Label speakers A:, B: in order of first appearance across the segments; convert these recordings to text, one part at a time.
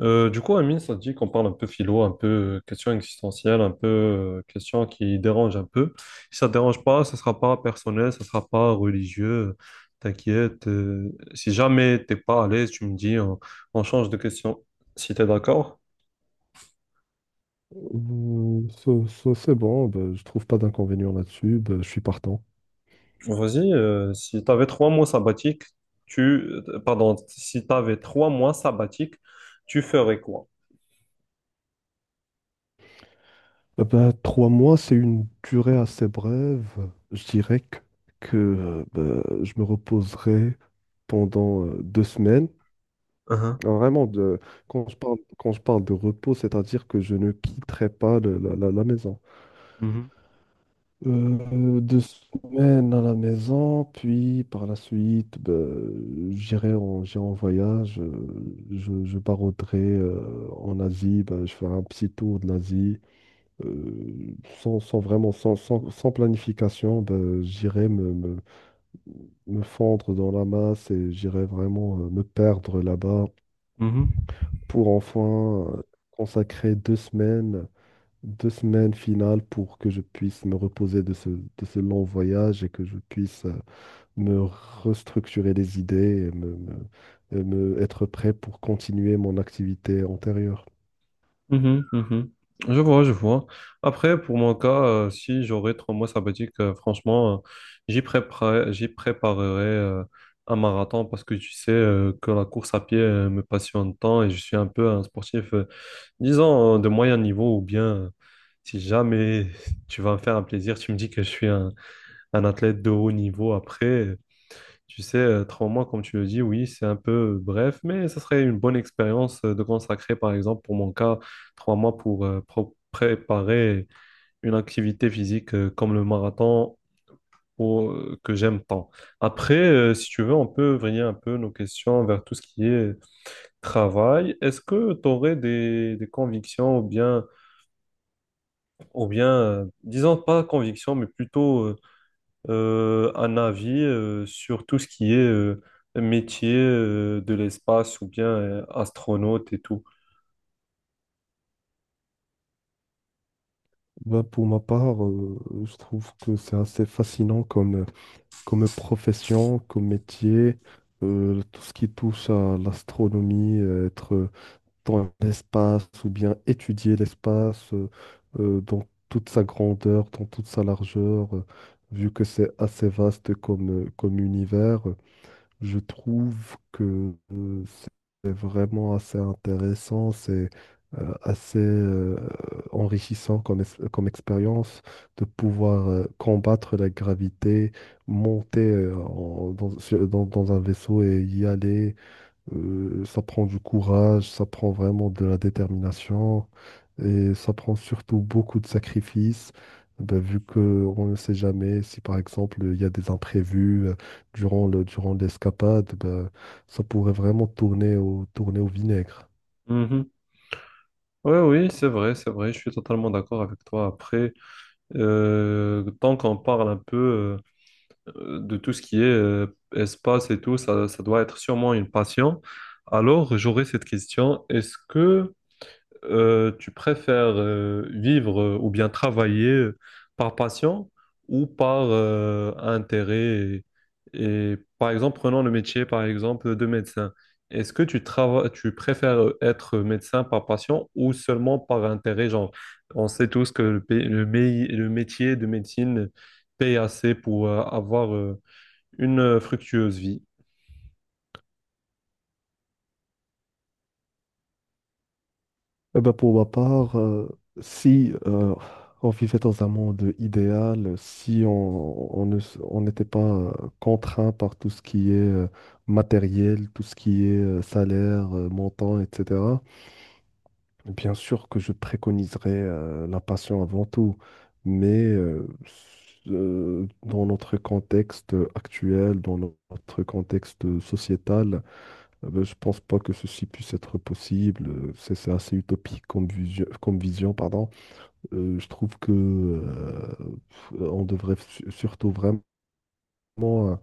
A: Amine, ça te dit qu'on parle un peu philo, un peu question existentielle, un peu question qui dérange un peu. Si ça te dérange pas, ça sera pas personnel, ça sera pas religieux. T'inquiète. Si jamais t'es pas à l'aise, tu me dis, on change de question. Si t'es d'accord,
B: Ouh, ça, c'est bon, ben, je trouve pas d'inconvénient là-dessus, ben, je suis partant.
A: vas-y. Si t'avais 3 mois sabbatiques, si t'avais trois mois sabbatiques, tu ferais quoi?
B: Ben, 3 mois, c'est une durée assez brève. Je dirais que, ben, je me reposerai pendant 2 semaines.
A: Uhum.
B: Alors, vraiment, quand je parle de repos, c'est-à-dire que je ne quitterai pas la maison.
A: Mhm,
B: Deux semaines à la maison, puis par la suite, ben, j'irai en voyage. Je barouderai en Asie, ben, je ferai un petit tour de l'Asie. Euh, sans, sans vraiment, sans, sans, sans planification, ben, j'irai me fondre dans la masse et j'irai vraiment me perdre là-bas
A: mhm.
B: pour enfin consacrer deux semaines finales pour que je puisse me reposer de ce long voyage et que je puisse me restructurer les idées et me être prêt pour continuer mon activité antérieure.
A: Mhm, mhm. Je vois, je vois. Après, pour mon cas, si j'aurais 3 mois sabbatiques, franchement, j'y préparerai un marathon parce que tu sais que la course à pied me passionne tant et je suis un peu un sportif, disons, de moyen niveau ou bien, si jamais tu vas me faire un plaisir, tu me dis que je suis un athlète de haut niveau. Après, tu sais, 3 mois, comme tu le dis, oui, c'est un peu bref, mais ça serait une bonne expérience de consacrer, par exemple, pour mon cas, 3 mois pour préparer une activité physique comme le marathon ou, que j'aime tant. Après, si tu veux, on peut vriller un peu nos questions vers tout ce qui est travail. Est-ce que tu aurais des convictions ou bien, disons pas convictions, mais plutôt un avis sur tout ce qui est métier de l'espace ou bien astronaute et tout.
B: Ben, pour ma part, je trouve que c'est assez fascinant comme profession, comme métier, tout ce qui touche à l'astronomie, être dans l'espace ou bien étudier l'espace dans toute sa grandeur, dans toute sa largeur, vu que c'est assez vaste comme univers, je trouve que euh, c'est vraiment assez intéressant, c'est assez enrichissant comme expérience de pouvoir combattre la gravité, monter en- dans, sur- dans dans un vaisseau et y aller. Ça prend du courage, ça prend vraiment de la détermination et ça prend surtout beaucoup de sacrifices. Ben, vu qu'on ne sait jamais si par exemple il y a des imprévus durant l'escapade, ben, ça pourrait vraiment tourner au vinaigre.
A: Mhm. Oui, oui, c'est vrai, je suis totalement d'accord avec toi. Après, tant qu'on parle un peu de tout ce qui est espace et tout, ça doit être sûrement une passion. Alors, j'aurais cette question, est-ce que tu préfères vivre ou bien travailler par passion ou par intérêt et, par exemple, prenons le métier par exemple de médecin. Est-ce que tu trava- Tu préfères être médecin par passion ou seulement par intérêt? Genre, on sait tous que le, pays- le, mei- le métier de médecine paye assez pour avoir une fructueuse vie.
B: Eh ben, pour ma part, si on vivait dans un monde idéal, si on, on ne, s- on n'était pas contraint par tout ce qui est matériel, tout ce qui est salaire, montant, etc., bien sûr que je préconiserais la passion avant tout. Mais dans notre contexte actuel, dans notre contexte sociétal, ben, je pense pas que ceci puisse être possible. C'est assez utopique comme vision, pardon. Je trouve que on devrait surtout vraiment euh,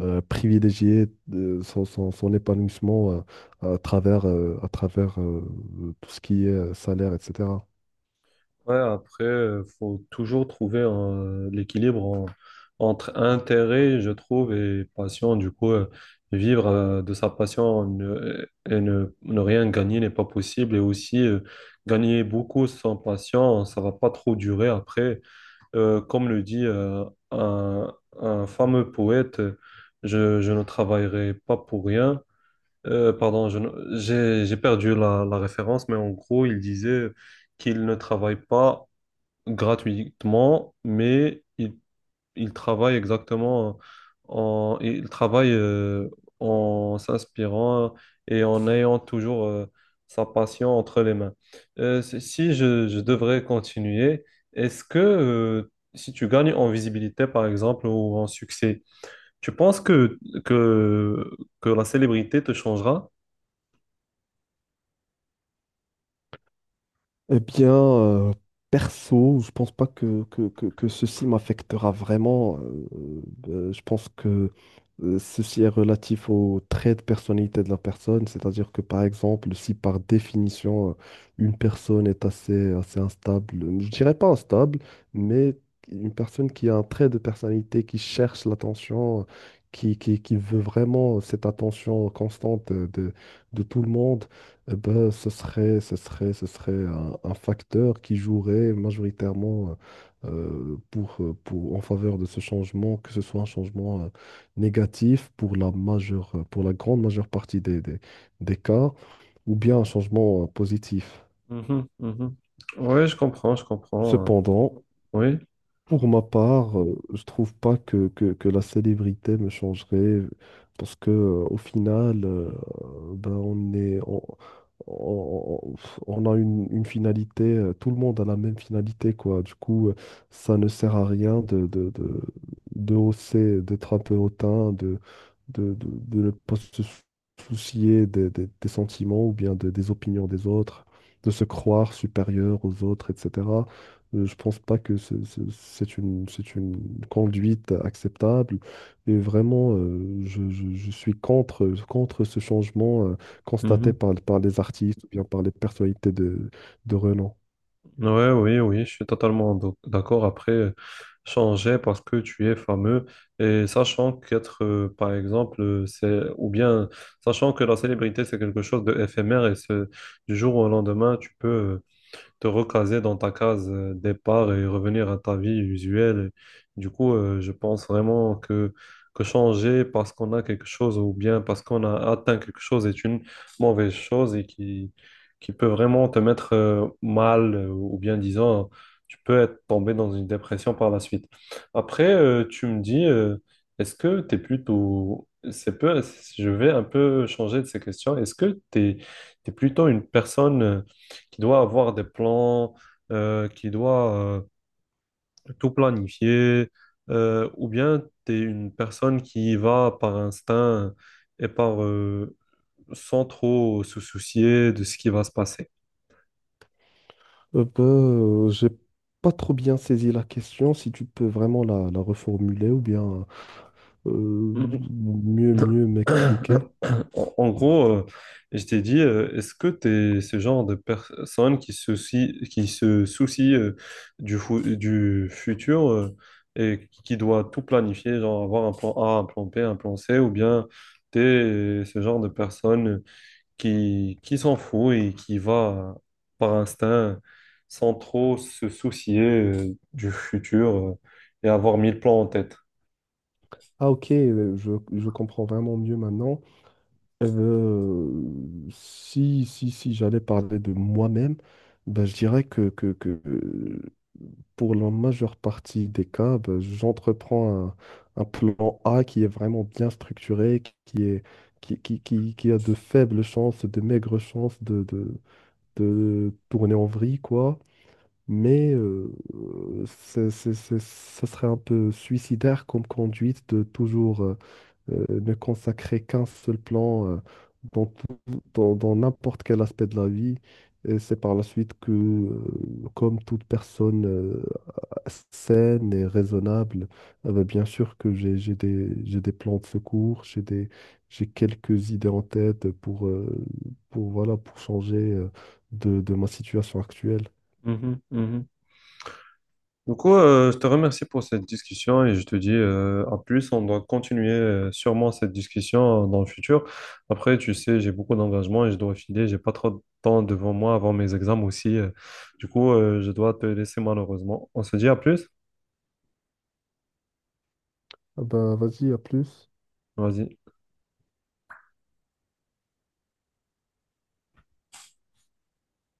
B: privilégier son épanouissement à travers tout ce qui est salaire, etc.
A: Ouais, après, faut toujours trouver l'équilibre entre intérêt, je trouve, et passion. Du coup, vivre de sa passion ne rien gagner n'est pas possible. Et aussi, gagner beaucoup sans passion, ça va pas trop durer. Après, comme le dit un, un fameux poète, je ne travaillerai pas pour rien. Je ne- j'ai perdu la, la référence, mais en gros, il disait qu'il ne travaille pas gratuitement, mais il travaille exactement il travaille en s'inspirant et en ayant toujours sa passion entre les mains. Si je, je devrais continuer, est-ce que si tu gagnes en visibilité, par exemple, ou en succès, tu penses que, que la célébrité te changera?
B: Eh bien, perso, je pense pas que ceci m'affectera vraiment. Je pense que ceci est relatif au trait de personnalité de la personne. C'est-à-dire que, par exemple, si par définition, une personne est assez instable, je dirais pas instable, mais une personne qui a un trait de personnalité, qui cherche l'attention, qui veut vraiment cette attention constante de tout le monde. Eh ben, ce serait un facteur qui jouerait majoritairement pour, en faveur de ce changement, que ce soit un changement négatif pour la majeure, pour la grande majeure partie des cas, ou bien un changement positif.
A: Mhm, mhm. Oui, je comprends, je comprends.
B: Cependant,
A: Oui.
B: pour ma part, je trouve pas que la célébrité me changerait parce que au final, ben on est, on- on- on a une finalité, tout le monde a la même finalité quoi. Du coup, ça ne sert à rien de hausser, d'être un peu hautain, de ne pas se soucier des sentiments ou bien des opinions des autres, de se croire supérieur aux autres, etc. Je pense pas que c'est une conduite acceptable. Et vraiment, je suis contre ce changement constaté par les artistes ou bien par les personnalités de renom.
A: Ouais, oui, oui, je suis totalement d'accord. Après, changer parce que tu es fameux et sachant qu'être, par exemple, c'est ou bien sachant que la célébrité c'est quelque chose d'éphémère et c'est du jour au lendemain, tu peux te recaser dans ta case départ et revenir à ta vie usuelle. Et du coup, je pense vraiment que changer parce qu'on a quelque chose ou bien parce qu'on a atteint quelque chose est une mauvaise chose et qui peut vraiment te mettre mal ou bien disant, tu peux être tombé dans une dépression par la suite. Après, tu me dis, est-ce que tu es plutôt... C'est peu, je vais un peu changer de ces questions. Est-ce que tu es plutôt une personne... qui doit avoir des plans, qui doit euh, tout planifier, ou bien tu es une personne qui va par instinct et par sans trop se soucier de ce qui va se passer.
B: Bah, j'ai pas trop bien saisi la question. Si tu peux vraiment la reformuler ou bien euh, mieux m'expliquer.
A: En, en gros, je t'ai dit, est-ce que tu es ce genre de personne qui se soucie du futur et qui doit tout planifier, genre avoir un plan A, un plan B, un plan C, ou bien tu es ce genre de personne qui s'en fout et qui va par instinct sans trop se soucier du futur et avoir mille plans en tête?
B: Ah ok, je comprends vraiment mieux maintenant. Eh ben, si j'allais parler de moi-même, ben, je dirais que, pour la majeure partie des cas, ben, j'entreprends un plan A qui est vraiment bien structuré, qui est, qui a de faibles chances, de maigres chances de tourner en vrille, quoi. Mais ça serait un peu suicidaire comme conduite de toujours, ne consacrer qu'un seul plan dans dans n'importe quel aspect de la vie. Et c'est par la suite que, comme toute personne saine et raisonnable, bah, bien sûr que j'ai des plans de secours, j'ai quelques idées en tête pour, voilà, pour changer de ma situation actuelle.
A: Mhm, mhm. Du coup, je te remercie pour cette discussion et je te dis à plus. On doit continuer sûrement cette discussion dans le futur. Après, tu sais, j'ai beaucoup d'engagement et je dois filer. J'ai pas trop de temps devant moi avant mes examens aussi. Du coup, je dois te laisser malheureusement. On se dit à plus.
B: Ah bah, vas-y, à plus.
A: Vas-y.